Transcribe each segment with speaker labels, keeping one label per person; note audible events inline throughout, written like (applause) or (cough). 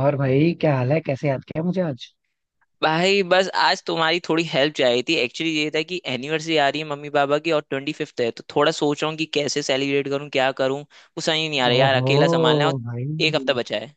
Speaker 1: और भाई क्या हाल है? कैसे याद किया मुझे आज?
Speaker 2: भाई बस आज तुम्हारी थोड़ी हेल्प चाहिए थी। एक्चुअली ये था कि एनिवर्सरी आ रही है मम्मी पापा की और ट्वेंटी फिफ्थ है, तो थोड़ा सोच रहा हूँ कि कैसे सेलिब्रेट करूँ, क्या करूँ, वो समझ ही नहीं आ रहा यार।
Speaker 1: ओहो
Speaker 2: अकेला संभालना है और
Speaker 1: भाई,
Speaker 2: एक हफ्ता बचा है।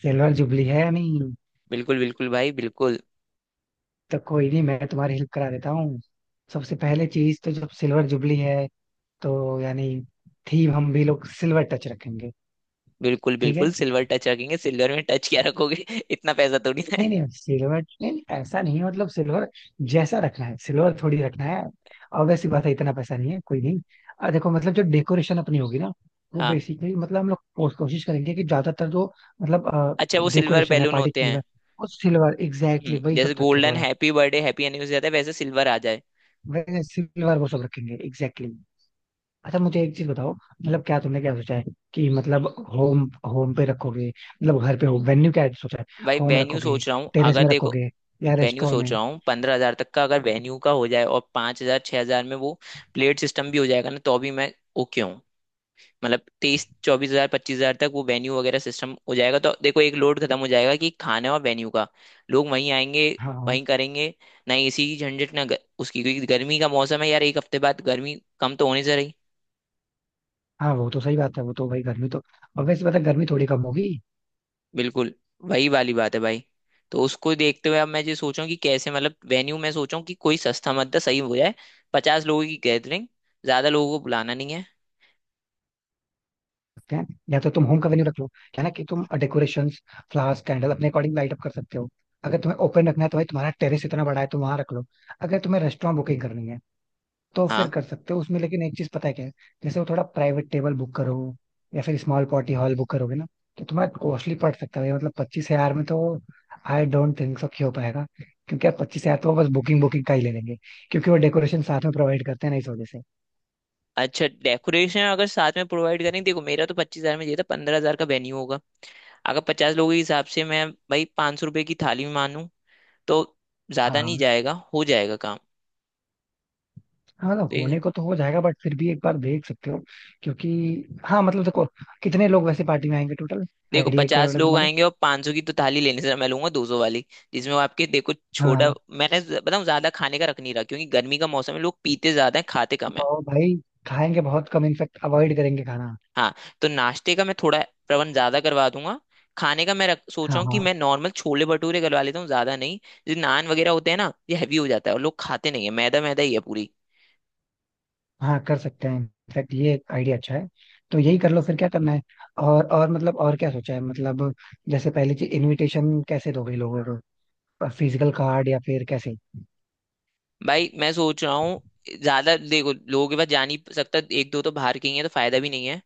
Speaker 1: सिल्वर जुबली है नहीं?
Speaker 2: बिल्कुल बिल्कुल भाई बिल्कुल।
Speaker 1: तो कोई नहीं, मैं तुम्हारी हेल्प करा देता हूँ। सबसे पहले चीज तो, जब सिल्वर जुबली है तो यानी थीम हम भी लोग सिल्वर टच रखेंगे।
Speaker 2: बिल्कुल
Speaker 1: ठीक है।
Speaker 2: बिल्कुल सिल्वर टच रखेंगे। सिल्वर में टच क्या रखोगे (laughs) इतना पैसा थोड़ी ना
Speaker 1: नहीं
Speaker 2: है।
Speaker 1: नहीं, सिल्वर नहीं नहीं, ऐसा नहीं है, मतलब सिल्वर जैसा रखना है, सिल्वर थोड़ी रखना है। ऑब्वियस सी बात है, इतना पैसा नहीं है। कोई नहीं। देखो, मतलब जो डेकोरेशन अपनी होगी ना, वो
Speaker 2: हाँ।
Speaker 1: बेसिकली, मतलब हम लोग कोशिश करेंगे कि ज्यादातर जो मतलब
Speaker 2: अच्छा वो सिल्वर
Speaker 1: डेकोरेशन है,
Speaker 2: बैलून
Speaker 1: पार्टी
Speaker 2: होते
Speaker 1: की है,
Speaker 2: हैं।
Speaker 1: वो सिल्वर एग्जैक्टली
Speaker 2: हम्म,
Speaker 1: वही सब
Speaker 2: जैसे
Speaker 1: रखे
Speaker 2: गोल्डन
Speaker 1: थोड़ा।
Speaker 2: हैप्पी बर्थडे हैप्पी एनिवर्सरी आता है वैसे सिल्वर आ जाए।
Speaker 1: वैसे सिल्वर वो सब रखेंगे एग्जैक्टली। अच्छा मुझे एक चीज बताओ, मतलब क्या तुमने क्या सोचा है कि मतलब होम, होम पे रखोगे? मतलब घर पे हो, वेन्यू क्या सोचा है?
Speaker 2: भाई
Speaker 1: होम
Speaker 2: वेन्यू
Speaker 1: रखोगे?
Speaker 2: सोच रहा हूँ,
Speaker 1: टेरेस
Speaker 2: अगर
Speaker 1: में
Speaker 2: देखो
Speaker 1: रखोगे? या
Speaker 2: वेन्यू
Speaker 1: रेस्टोरेंट
Speaker 2: सोच
Speaker 1: में?
Speaker 2: रहा हूँ 15 हज़ार तक का, अगर वेन्यू का हो जाए और 5 हज़ार 6 हज़ार में वो प्लेट सिस्टम भी हो जाएगा ना तो भी मैं ओके हूँ। मतलब 23-24 हज़ार, 25 हज़ार तक वो वेन्यू वगैरह सिस्टम हो जाएगा, तो देखो एक लोड खत्म हो जाएगा कि खाने और वेन्यू का। लोग वहीं आएंगे,
Speaker 1: हाँ हाँ।
Speaker 2: वहीं करेंगे। ना एसी की झंझट, ना उसकी, क्योंकि गर्मी का मौसम है यार, एक हफ्ते बाद गर्मी कम तो होने से रही।
Speaker 1: हाँ वो तो सही बात है, वो तो भाई गर्मी तो, और वैसे पता है, गर्मी थोड़ी कम होगी।
Speaker 2: बिल्कुल। वही वाली बात है भाई। तो उसको देखते हुए अब मैं ये सोचूं कि कैसे मतलब वेन्यू में सोचूं कि कोई सस्ता मद्दा सही हो जाए। 50 लोगों की गैदरिंग, ज्यादा लोगों को बुलाना नहीं है।
Speaker 1: सकते हैं, या तो तुम होम का वेन्यू रख लो, क्या ना कि तुम डेकोरेशन, फ्लावर्स, कैंडल अपने अकॉर्डिंग लाइट अप कर सकते हो। अगर तुम्हें ओपन रखना है तो भाई तुम्हारा टेरेस इतना बड़ा है, तुम वहां रख लो। अगर तुम्हें रेस्टोरेंट बुकिंग करनी है तो फिर
Speaker 2: हाँ।
Speaker 1: कर सकते हो उसमें, लेकिन एक चीज पता है क्या है, जैसे वो थोड़ा प्राइवेट टेबल बुक करो, या फिर स्मॉल पार्टी हॉल बुक करोगे ना, तो तुम्हारा कॉस्टली पड़ सकता है भाई, मतलब 25,000 में तो आई डोंट थिंक सो हो पाएगा। क्योंकि यार 25,000 तो वो बस बुकिंग बुकिंग का ही ले लेंगे, क्योंकि वो डेकोरेशन साथ में प्रोवाइड करते हैं ना, इस वजह से।
Speaker 2: अच्छा डेकोरेशन अगर साथ में प्रोवाइड करेंगे, देखो मेरा तो 25 हज़ार में चाहिए था, 15 हज़ार का वेन्यू होगा। अगर 50 लोगों के हिसाब से मैं भाई ₹500 की थाली में मानूं तो
Speaker 1: हाँ
Speaker 2: ज्यादा नहीं
Speaker 1: हाँ।
Speaker 2: जाएगा, हो जाएगा
Speaker 1: हाँ, मतलब होने
Speaker 2: काम।
Speaker 1: को तो हो जाएगा, बट फिर भी एक बार देख सकते हो, क्योंकि हाँ मतलब देखो, कितने लोग वैसे पार्टी में आएंगे टोटल?
Speaker 2: देखो
Speaker 1: आइडिया एक
Speaker 2: पचास
Speaker 1: करोड़
Speaker 2: लोग
Speaker 1: तुम्हारे।
Speaker 2: आएंगे, और 500 की तो थाली लेने से मैं लूंगा 200 वाली, जिसमें वो आपके देखो
Speaker 1: हाँ
Speaker 2: छोटा।
Speaker 1: हाँ।
Speaker 2: बताऊं ज्यादा खाने का रख नहीं रहा क्योंकि गर्मी का मौसम है, लोग पीते ज्यादा है खाते कम है।
Speaker 1: बहुत भाई खाएंगे बहुत कम, इनफेक्ट अवॉइड करेंगे खाना।
Speaker 2: हाँ। तो नाश्ते का मैं थोड़ा प्रबंध ज्यादा करवा दूंगा। खाने का सोच रहा
Speaker 1: हाँ
Speaker 2: हूँ कि
Speaker 1: हाँ।
Speaker 2: मैं नॉर्मल छोले भटूरे करवा लेता हूँ, ज्यादा नहीं। जो नान वगैरह होते हैं ना, ये हैवी हो जाता है और लोग खाते नहीं है, मैदा मैदा ही है पूरी।
Speaker 1: हाँ कर सकते हैं, इनफेक्ट ये आइडिया अच्छा है। तो यही कर लो फिर, क्या करना है। और मतलब और क्या सोचा है मतलब, जैसे पहली चीज इनविटेशन कैसे दोगे लोगों को? फिजिकल कार्ड या फिर कैसे?
Speaker 2: भाई मैं सोच रहा हूँ, ज्यादा देखो लोगों के पास जा नहीं सकता, एक दो तो बाहर के ही है तो फायदा भी नहीं है।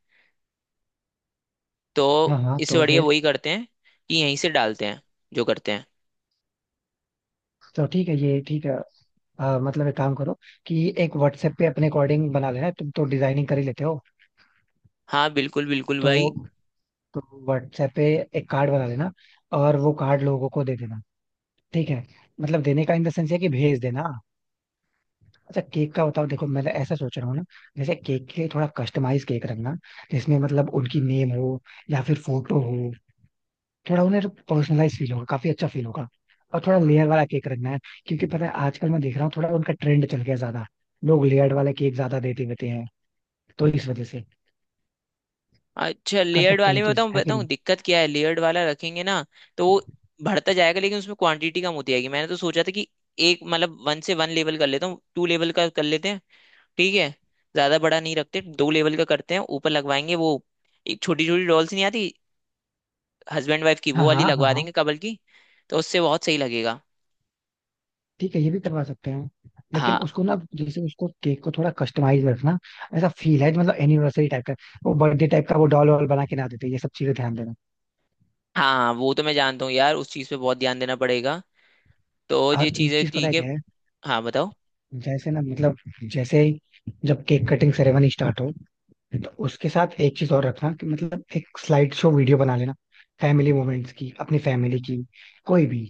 Speaker 1: हाँ
Speaker 2: तो
Speaker 1: हाँ
Speaker 2: इससे
Speaker 1: तो
Speaker 2: बढ़िया
Speaker 1: फिर,
Speaker 2: वही करते हैं कि यहीं से डालते हैं जो करते हैं।
Speaker 1: तो ठीक है, ये ठीक है। मतलब एक काम करो कि एक व्हाट्सएप पे अपने अकॉर्डिंग बना लेना, तुम तो डिजाइनिंग कर ही लेते हो।
Speaker 2: हाँ बिल्कुल बिल्कुल
Speaker 1: तो
Speaker 2: भाई।
Speaker 1: तो व्हाट्सएप पे एक कार्ड बना लेना और वो कार्ड लोगों को दे देना। ठीक है, मतलब देने का इन द सेंस है कि भेज देना। अच्छा केक का बताओ, देखो मैं ऐसा सोच रहा हूँ ना, जैसे केक के लिए थोड़ा कस्टमाइज केक रखना, जिसमें मतलब उनकी नेम हो या फिर फोटो हो, थोड़ा उन्हें पर्सनलाइज फील होगा, काफी अच्छा फील होगा। और थोड़ा लेयर वाला केक रखना है, क्योंकि पता है आजकल मैं देख रहा हूँ थोड़ा उनका ट्रेंड चल गया ज्यादा, लोग लेयर्ड वाले केक ज्यादा देते रहते हैं, तो इस वजह से
Speaker 2: अच्छा
Speaker 1: कर
Speaker 2: लेयर्ड
Speaker 1: सकते हैं,
Speaker 2: वाले
Speaker 1: ये
Speaker 2: में
Speaker 1: चीज
Speaker 2: बताऊँ
Speaker 1: है कि
Speaker 2: बताऊँ
Speaker 1: नहीं।
Speaker 2: दिक्कत क्या है। लेयर्ड वाला रखेंगे ना, तो वो बढ़ता जाएगा लेकिन उसमें क्वांटिटी कम होती जाएगी। मैंने तो सोचा था कि एक मतलब वन से वन लेवल कर लेता हूँ, टू लेवल का कर लेते हैं। ठीक है। ज्यादा बड़ा नहीं रखते, दो लेवल का करते हैं, ऊपर लगवाएंगे वो एक छोटी छोटी डॉल्स नहीं आती हस्बैंड वाइफ की, वो
Speaker 1: हाँ हाँ
Speaker 2: वाली
Speaker 1: हाँ
Speaker 2: लगवा
Speaker 1: हाँ।
Speaker 2: देंगे कबल की। तो उससे बहुत सही लगेगा।
Speaker 1: ठीक है ये भी करवा सकते हैं, लेकिन
Speaker 2: हाँ
Speaker 1: उसको ना, जैसे उसको केक को थोड़ा कस्टमाइज रखना, ऐसा फील है मतलब एनिवर्सरी टाइप का, वो बर्थडे टाइप का वो डॉल वॉल बना के ना देते, ये सब चीजें ध्यान देना।
Speaker 2: हाँ, हाँ वो तो मैं जानता हूँ यार, उस चीज़ पे बहुत ध्यान देना पड़ेगा, तो ये
Speaker 1: और एक
Speaker 2: चीजें
Speaker 1: चीज पता
Speaker 2: ठीक
Speaker 1: है
Speaker 2: है।
Speaker 1: क्या है,
Speaker 2: हाँ बताओ।
Speaker 1: जैसे ना मतलब, जैसे ही जब केक कटिंग सेरेमनी स्टार्ट हो, तो उसके साथ एक चीज और रखना कि मतलब एक स्लाइड शो वीडियो बना लेना, फैमिली मोमेंट्स की, अपनी फैमिली की, कोई भी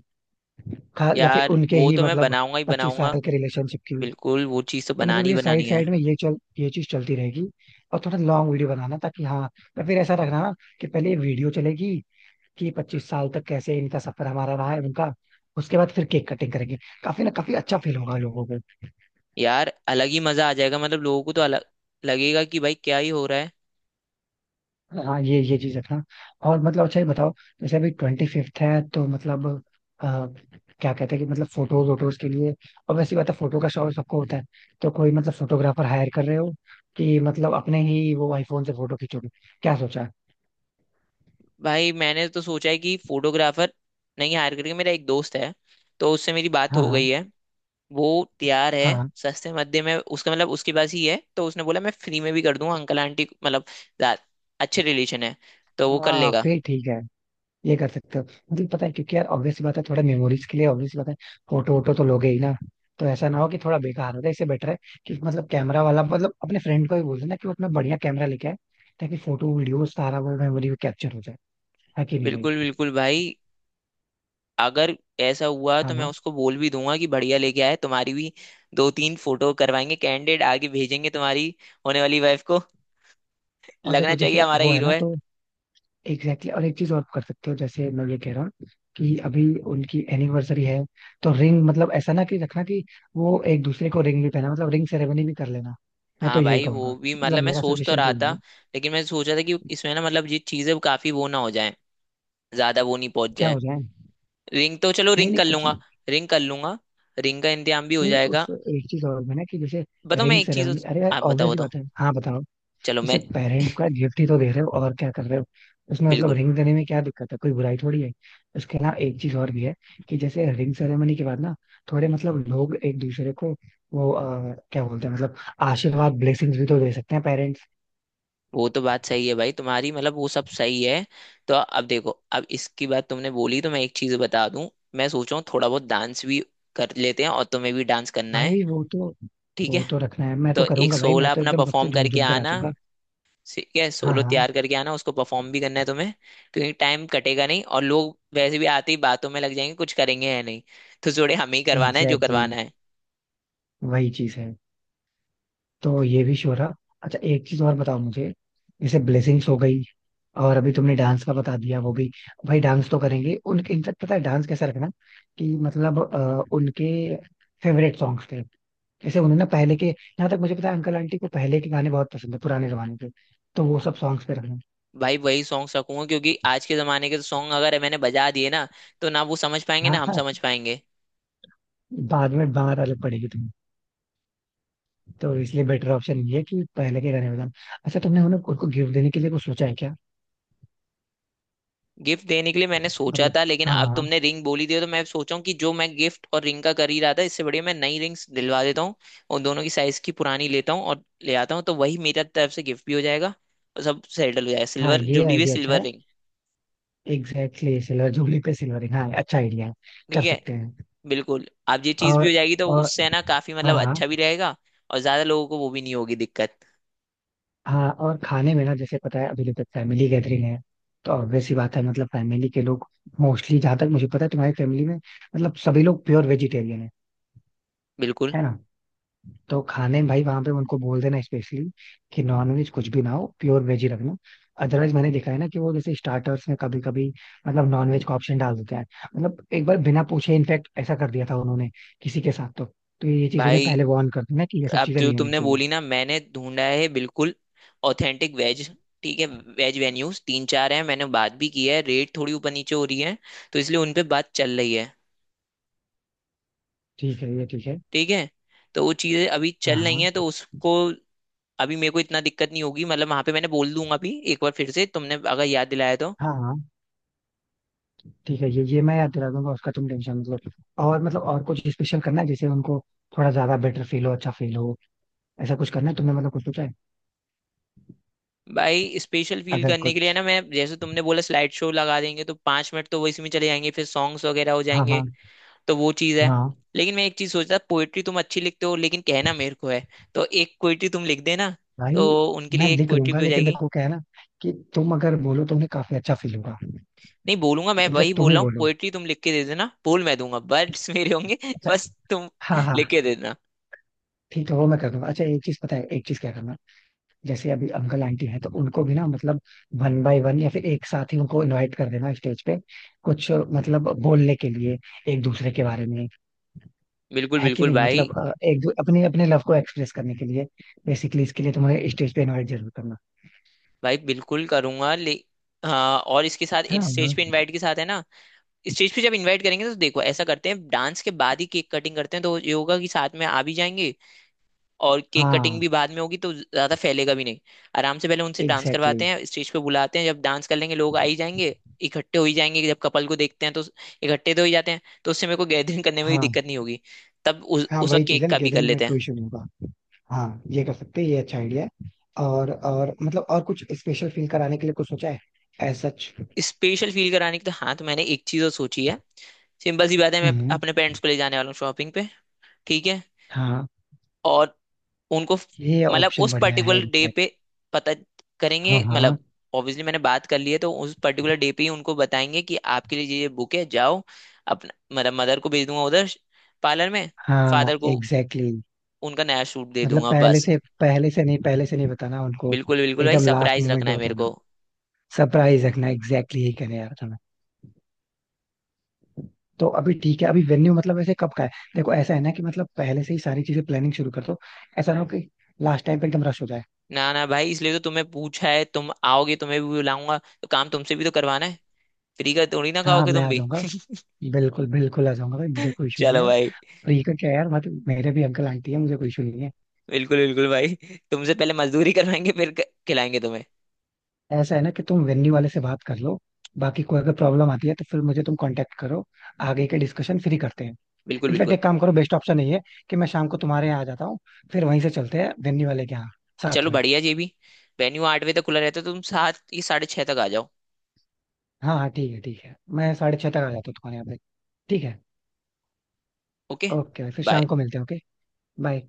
Speaker 1: खा या फिर
Speaker 2: यार
Speaker 1: उनके
Speaker 2: वो
Speaker 1: ही
Speaker 2: तो मैं
Speaker 1: मतलब
Speaker 2: बनाऊंगा ही
Speaker 1: पच्चीस
Speaker 2: बनाऊंगा।
Speaker 1: साल के रिलेशनशिप की।
Speaker 2: बिल्कुल वो चीज तो
Speaker 1: तो मतलब
Speaker 2: बनानी ही
Speaker 1: ये साइड
Speaker 2: बनानी है।
Speaker 1: साइड में ये चल ये चीज चलती रहेगी, और थोड़ा लॉन्ग वीडियो बनाना ताकि हाँ, पर फिर ऐसा रखना ना कि पहले ये वीडियो चलेगी कि 25 साल तक कैसे इनका सफर, हमारा रहा है, उनका, उसके बाद फिर केक कटिंग करेंगे। काफी ना, काफी अच्छा फील होगा लोगों को।
Speaker 2: यार अलग ही मजा आ जाएगा, मतलब लोगों को तो अलग लगेगा कि भाई क्या ही हो रहा है।
Speaker 1: हाँ ये चीज रखना। और मतलब अच्छा ये बताओ, जैसे अभी 25th है तो मतलब अ, क्या कहते हैं कि मतलब फोटोज वोटोज के लिए, और वैसी बात है फोटो का शौक सबको होता है, तो कोई मतलब फोटोग्राफर हायर कर रहे हो कि मतलब अपने ही वो आईफोन से फोटो खींचोगे, क्या सोचा है?
Speaker 2: भाई मैंने तो सोचा है कि फोटोग्राफर नहीं हायर करके, मेरा एक दोस्त है तो उससे मेरी बात
Speaker 1: हाँ
Speaker 2: हो
Speaker 1: हाँ।
Speaker 2: गई है। वो तैयार है,
Speaker 1: हाँ
Speaker 2: सस्ते मध्य में उसका मतलब उसके पास ही है तो उसने बोला मैं फ्री में भी कर दूंगा अंकल आंटी मतलब दा- अच्छे रिलेशन है। तो वो कर
Speaker 1: हाँ
Speaker 2: लेगा।
Speaker 1: फिर ठीक है, ये कर सकते हो। मतलब पता है क्योंकि यार ऑब्वियस बात है, थोड़ा मेमोरीज के लिए ऑब्वियस बात है, फोटो वोटो तो लोगे ही ना, तो ऐसा ना हो कि थोड़ा बेकार हो जाए, इससे बेटर है कि मतलब कैमरा वाला, मतलब अपने फ्रेंड को भी बोल देना कि वो अपना बढ़िया कैमरा लेके आए, ताकि फोटो वीडियो सारा वो मेमोरी में कैप्चर हो जाए। है कि नहीं भाई?
Speaker 2: बिल्कुल बिल्कुल भाई, अगर ऐसा हुआ तो
Speaker 1: हाँ
Speaker 2: मैं
Speaker 1: हाँ।
Speaker 2: उसको बोल भी दूंगा कि बढ़िया लेके आए, तुम्हारी भी 2-3 फोटो करवाएंगे, कैंडिडेट आगे भेजेंगे तुम्हारी होने वाली वाइफ को।
Speaker 1: और
Speaker 2: लगना
Speaker 1: देखो
Speaker 2: चाहिए
Speaker 1: जैसे
Speaker 2: हमारा
Speaker 1: वो है
Speaker 2: हीरो
Speaker 1: ना
Speaker 2: है।
Speaker 1: तो एग्जैक्टली exactly। और एक चीज और कर सकते हो, जैसे मैं ये कह रहा हूँ कि अभी उनकी एनिवर्सरी है तो रिंग, मतलब ऐसा ना कि रखना कि वो एक दूसरे को रिंग भी पहना, मतलब रिंग सेरेमनी भी कर लेना। मैं तो
Speaker 2: हाँ
Speaker 1: यही
Speaker 2: भाई
Speaker 1: कहूंगा,
Speaker 2: वो भी
Speaker 1: मतलब
Speaker 2: मतलब मैं
Speaker 1: मेरा
Speaker 2: सोच तो
Speaker 1: सजेशन
Speaker 2: रहा
Speaker 1: तो यही
Speaker 2: था,
Speaker 1: है।
Speaker 2: लेकिन मैं सोचा था कि इसमें ना मतलब ये चीजें काफी वो ना हो जाए, ज्यादा वो नहीं पहुंच
Speaker 1: क्या
Speaker 2: जाए।
Speaker 1: हो जाए?
Speaker 2: रिंग तो चलो
Speaker 1: नहीं
Speaker 2: रिंग
Speaker 1: नहीं
Speaker 2: कर
Speaker 1: कुछ
Speaker 2: लूंगा,
Speaker 1: नहीं।
Speaker 2: रिंग कर लूंगा, रिंग का इंतजाम भी हो
Speaker 1: नहीं नहीं, उस
Speaker 2: जाएगा।
Speaker 1: एक चीज और भी ना कि जैसे
Speaker 2: बताओ मैं
Speaker 1: रिंग
Speaker 2: एक चीज।
Speaker 1: सेरेमनी, अरे यार
Speaker 2: आप बताओ
Speaker 1: ऑब्वियस ही
Speaker 2: बताओ,
Speaker 1: बात है। हाँ बताओ।
Speaker 2: चलो मैं।
Speaker 1: जैसे पेरेंट्स को गिफ्ट ही तो दे रहे हो और क्या कर रहे हो, उसमें मतलब
Speaker 2: बिल्कुल।
Speaker 1: रिंग देने में क्या दिक्कत है, कोई बुराई थोड़ी है। उसके अलावा एक चीज और भी है कि जैसे रिंग सेरेमनी के बाद ना, थोड़े मतलब लोग एक दूसरे को वो क्या बोलते हैं मतलब आशीर्वाद, ब्लेसिंग्स भी तो दे सकते हैं पेरेंट्स।
Speaker 2: वो तो बात सही है भाई तुम्हारी, मतलब वो सब सही है। तो अब देखो, अब इसकी बात तुमने बोली तो मैं एक चीज बता दूं। मैं सोच रहा हूँ थोड़ा बहुत डांस भी कर लेते हैं, और तुम्हें भी डांस करना है।
Speaker 1: भाई वो तो,
Speaker 2: ठीक है,
Speaker 1: वो तो रखना है, मैं
Speaker 2: तो
Speaker 1: तो
Speaker 2: एक
Speaker 1: करूंगा भाई, मैं
Speaker 2: सोला
Speaker 1: तो
Speaker 2: अपना
Speaker 1: एकदम सबसे
Speaker 2: परफॉर्म
Speaker 1: झूम
Speaker 2: करके
Speaker 1: झूम के
Speaker 2: आना।
Speaker 1: नाचूंगा।
Speaker 2: ठीक है,
Speaker 1: हाँ
Speaker 2: सोलो
Speaker 1: हाँ
Speaker 2: तैयार करके आना, उसको परफॉर्म भी करना है तुम्हें। क्योंकि टाइम कटेगा नहीं, और लोग वैसे भी आते ही बातों में लग जाएंगे, कुछ करेंगे या नहीं। तो जोड़े हमें ही करवाना है जो
Speaker 1: एग्जैक्टली
Speaker 2: करवाना
Speaker 1: exactly,
Speaker 2: है।
Speaker 1: वही चीज है। तो ये भी श्योर रहा। अच्छा एक चीज और बताओ मुझे, जैसे ब्लेसिंग्स हो गई, और अभी तुमने डांस का बता दिया, वो भी भाई डांस तो करेंगे उनके, इनफैक्ट पता है डांस कैसा रखना कि मतलब उनके फेवरेट सॉन्ग्स थे, जैसे उन्हें ना पहले के, यहाँ तक मुझे पता है अंकल आंटी को पहले के गाने बहुत पसंद है, पुराने जमाने के, तो वो सब सॉन्ग्स पे रखना।
Speaker 2: भाई वही सॉन्ग रखूंगा, क्योंकि आज के जमाने के तो सॉन्ग अगर मैंने बजा दिए ना तो ना वो समझ पाएंगे ना
Speaker 1: हाँ
Speaker 2: हम
Speaker 1: हाँ।
Speaker 2: समझ पाएंगे।
Speaker 1: बाद में बाहर अलग पड़ेगी तुम्हें, तो इसलिए बेटर ऑप्शन ये है कि पहले के गाने बजाना। अच्छा तुमने उन्हें उनको गिफ्ट देने के लिए कुछ सोचा है क्या?
Speaker 2: गिफ्ट देने के लिए मैंने सोचा
Speaker 1: मतलब
Speaker 2: था, लेकिन
Speaker 1: हाँ
Speaker 2: अब
Speaker 1: हाँ।
Speaker 2: तुमने रिंग बोली दी है, तो मैं सोचा हूँ कि जो मैं गिफ्ट और रिंग का कर ही रहा था, इससे बढ़िया मैं नई रिंग्स दिलवा देता हूँ। और दोनों की साइज की पुरानी लेता हूँ और ले आता हूँ, तो वही मेरा तरफ से गिफ्ट भी हो जाएगा। और सब सेटल हो जाएगा,
Speaker 1: हाँ
Speaker 2: सिल्वर
Speaker 1: ये
Speaker 2: जुबली भी
Speaker 1: आइडिया अच्छा
Speaker 2: सिल्वर
Speaker 1: है।
Speaker 2: Ring.
Speaker 1: Exactly exactly, silver jubilee पे सिल्वरिंग, हाँ अच्छा आइडिया है। कर
Speaker 2: ठीक है।
Speaker 1: सकते हैं।
Speaker 2: बिल्कुल, अब ये चीज भी
Speaker 1: और
Speaker 2: हो जाएगी, तो
Speaker 1: और
Speaker 2: उससे है ना काफी
Speaker 1: हाँ
Speaker 2: मतलब
Speaker 1: हाँ।
Speaker 2: अच्छा भी रहेगा। और ज्यादा लोगों को वो भी नहीं होगी दिक्कत।
Speaker 1: हाँ और खाने में ना, जैसे पता है अभी तक फैमिली गैदरिंग है, तो ऑब्वियस सी बात है, मतलब फैमिली के लोग मोस्टली, जहाँ तक मुझे पता है तुम्हारी फैमिली में मतलब सभी लोग प्योर वेजिटेरियन है
Speaker 2: बिल्कुल
Speaker 1: है ना, तो खाने में भाई वहां पे उनको बोल देना स्पेशली कि नॉनवेज कुछ भी ना हो, प्योर वेज ही रखना। अदरवाइज मैंने देखा है ना कि वो जैसे स्टार्टर्स में कभी कभी मतलब नॉनवेज का ऑप्शन डाल देते हैं, मतलब एक बार बिना पूछे इनफैक्ट ऐसा कर दिया था उन्होंने किसी के साथ, तो ये चीज उन्हें
Speaker 2: भाई।
Speaker 1: पहले वार्न कर देना कि ये सब
Speaker 2: अब
Speaker 1: चीजें
Speaker 2: जो
Speaker 1: नहीं होनी
Speaker 2: तुमने
Speaker 1: चाहिए।
Speaker 2: बोली ना, मैंने ढूंढा है बिल्कुल ऑथेंटिक वेज। ठीक है, वेज वेन्यूज 3-4 हैं, मैंने बात भी की है, रेट थोड़ी ऊपर नीचे हो रही है, तो इसलिए उन पे बात चल रही है।
Speaker 1: ठीक है ये ठीक है।
Speaker 2: ठीक है। तो वो चीज़ें अभी
Speaker 1: हाँ
Speaker 2: चल रही हैं, तो
Speaker 1: हाँ।
Speaker 2: उसको अभी मेरे को इतना दिक्कत नहीं होगी, मतलब वहां पे मैंने बोल दूंगा अभी एक बार, फिर से तुमने अगर याद दिलाया तो।
Speaker 1: हाँ हाँ ठीक है, ये मैं याद दिला दूंगा, उसका तुम टेंशन मतलब। और मतलब और कुछ स्पेशल करना है जैसे उनको थोड़ा ज्यादा बेटर फील हो, अच्छा फील हो, ऐसा कुछ करना है, तुमने मतलब कुछ सोचा है?
Speaker 2: भाई स्पेशल फील
Speaker 1: अगर
Speaker 2: करने के लिए
Speaker 1: कुछ
Speaker 2: ना, मैं जैसे तुमने बोला स्लाइड शो लगा देंगे तो 5 मिनट तो वो इसमें चले जाएंगे, फिर सॉन्ग्स वगैरह हो
Speaker 1: हाँ
Speaker 2: जाएंगे,
Speaker 1: हाँ।
Speaker 2: तो वो चीज़ है।
Speaker 1: हाँ
Speaker 2: लेकिन मैं एक चीज़ सोचता, पोएट्री तुम अच्छी लिखते हो लेकिन कहना मेरे को है, तो एक पोएट्री तुम लिख देना,
Speaker 1: भाई
Speaker 2: तो उनके
Speaker 1: मैं
Speaker 2: लिए एक
Speaker 1: लिख
Speaker 2: पोएट्री
Speaker 1: दूंगा,
Speaker 2: भी हो
Speaker 1: लेकिन
Speaker 2: जाएगी।
Speaker 1: देखो क्या है ना, कि तुम अगर बोलो तो उन्हें काफी अच्छा फील होगा।
Speaker 2: नहीं बोलूंगा मैं, वही
Speaker 1: इनफेक्ट तुम
Speaker 2: बोल
Speaker 1: ही
Speaker 2: रहा हूँ,
Speaker 1: बोलो।
Speaker 2: पोएट्री तुम लिख के दे देना, बोल मैं दूंगा, वर्ड्स मेरे होंगे (laughs)
Speaker 1: अच्छा
Speaker 2: बस तुम
Speaker 1: हाँ हाँ
Speaker 2: लिख के दे देना।
Speaker 1: ठीक है, वो मैं कर दूंगा। अच्छा एक चीज पता है एक चीज क्या करना, जैसे अभी अंकल आंटी हैं तो उनको भी ना मतलब वन बाय वन या फिर एक साथ ही उनको इनवाइट कर देना स्टेज पे, कुछ मतलब बोलने के लिए एक दूसरे के बारे में,
Speaker 2: बिल्कुल
Speaker 1: है कि
Speaker 2: बिल्कुल
Speaker 1: नहीं,
Speaker 2: भाई।
Speaker 1: मतलब अपने अपने लव को एक्सप्रेस करने के लिए, बेसिकली इसके लिए तुम्हें स्टेज पे इनवाइट जरूर करना।
Speaker 2: भाई बिल्कुल करूंगा ले। हाँ और इसके साथ
Speaker 1: है
Speaker 2: स्टेज
Speaker 1: ना।
Speaker 2: पे इनवाइट के साथ है ना, स्टेज पे जब इनवाइट करेंगे तो देखो ऐसा करते हैं, डांस के बाद ही केक कटिंग करते हैं, तो ये होगा कि साथ में आ भी जाएंगे और केक कटिंग
Speaker 1: हाँ
Speaker 2: भी बाद में होगी तो ज्यादा फैलेगा भी नहीं। आराम से पहले उनसे डांस
Speaker 1: एग्जैक्टली।
Speaker 2: करवाते हैं, स्टेज पे बुलाते हैं, जब डांस कर लेंगे लोग आ ही जाएंगे, इकट्ठे हो ही जाएंगे, जब कपल को देखते हैं तो इकट्ठे तो हो ही जाते हैं, तो उससे मेरे को गैदरिंग (laughs) करने में भी
Speaker 1: हाँ
Speaker 2: दिक्कत नहीं होगी। तब उस
Speaker 1: हाँ
Speaker 2: उस
Speaker 1: वही
Speaker 2: वक्त
Speaker 1: चीज है
Speaker 2: केक
Speaker 1: ना,
Speaker 2: का भी कर
Speaker 1: गैदरिंग में
Speaker 2: लेते
Speaker 1: कोई
Speaker 2: हैं।
Speaker 1: इशू नहीं होगा। हाँ ये कर सकते हैं, ये अच्छा आइडिया है। और मतलब और कुछ स्पेशल फील कराने के लिए कुछ सोचा है, एज सच?
Speaker 2: स्पेशल फील कराने की तो हाँ, तो मैंने एक चीज और सोची है। सिंपल सी बात है, मैं
Speaker 1: हम्म।
Speaker 2: अपने पेरेंट्स को ले जाने वाला हूँ शॉपिंग पे। ठीक है।
Speaker 1: हाँ
Speaker 2: और उनको
Speaker 1: ये
Speaker 2: मतलब
Speaker 1: ऑप्शन
Speaker 2: उस
Speaker 1: बढ़िया है
Speaker 2: पर्टिकुलर डे पे
Speaker 1: एग्जैक्ट।
Speaker 2: पता करेंगे
Speaker 1: हाँ हाँ।
Speaker 2: मतलब ऑब्वियसली मैंने बात कर ली है, तो उस पर्टिकुलर डे पे ही उनको बताएंगे कि आपके लिए ये बुक है जाओ। अपना मतलब मदर को भेज दूंगा उधर पार्लर में,
Speaker 1: हाँ
Speaker 2: फादर को
Speaker 1: एग्जैक्टली exactly।
Speaker 2: उनका नया सूट दे
Speaker 1: मतलब
Speaker 2: दूंगा
Speaker 1: पहले
Speaker 2: बस।
Speaker 1: से, पहले से नहीं, पहले से नहीं बताना उनको,
Speaker 2: बिल्कुल बिल्कुल भाई,
Speaker 1: एकदम लास्ट
Speaker 2: सरप्राइज रखना
Speaker 1: मोमेंट
Speaker 2: है मेरे
Speaker 1: बताना,
Speaker 2: को।
Speaker 1: सरप्राइज रखना, एग्जैक्टली exactly यही कहने यार तुम्हें। तो अभी ठीक है, अभी वेन्यू मतलब ऐसे कब का है, देखो ऐसा है ना कि मतलब पहले से ही सारी चीजें प्लानिंग शुरू कर दो, ऐसा ना हो कि लास्ट टाइम पे एकदम रश हो जाए।
Speaker 2: ना ना भाई, इसलिए तो तुम्हें पूछा है, तुम आओगे, तुम्हें भी बुलाऊंगा, तो काम तुमसे भी तो करवाना है। फ्री का थोड़ी ना
Speaker 1: हाँ हाँ
Speaker 2: खाओगे
Speaker 1: मैं
Speaker 2: तुम
Speaker 1: आ
Speaker 2: भी।
Speaker 1: जाऊंगा। बिल्कुल बिल्कुल आ जाऊंगा भाई, मुझे
Speaker 2: (laughs)
Speaker 1: कोई इशू नहीं
Speaker 2: चलो
Speaker 1: है।
Speaker 2: भाई।
Speaker 1: फ्री का क्या है यार, मतलब मेरे भी अंकल आंटी है, मुझे कोई इशू नहीं है।
Speaker 2: बिल्कुल बिल्कुल भाई, तुमसे पहले मजदूरी (laughs) करवाएंगे, फिर खिलाएंगे तुम्हें।
Speaker 1: ऐसा है ना कि तुम वेन्यू वाले से बात कर लो, बाकी कोई अगर प्रॉब्लम आती है तो फिर मुझे तुम कांटेक्ट करो, आगे के डिस्कशन फ्री करते हैं।
Speaker 2: बिल्कुल
Speaker 1: इनफैक्ट
Speaker 2: बिल्कुल।
Speaker 1: एक काम करो, बेस्ट ऑप्शन यही है कि मैं शाम को तुम्हारे यहाँ आ जाता हूँ, फिर वहीं से चलते हैं वेन्यू वाले के यहाँ साथ
Speaker 2: चलो
Speaker 1: में।
Speaker 2: बढ़िया जी भी। वेन्यू 8 बजे तक खुला रहता है तो तुम सात या साढ़े 6 तक आ जाओ।
Speaker 1: हाँ हाँ ठीक है ठीक है, मैं 6:30 तक आ जाता हूँ तुम्हारे यहाँ पे। ठीक है।
Speaker 2: ओके।
Speaker 1: ओके फिर
Speaker 2: बाय।
Speaker 1: शाम को मिलते हैं। ओके। बाय।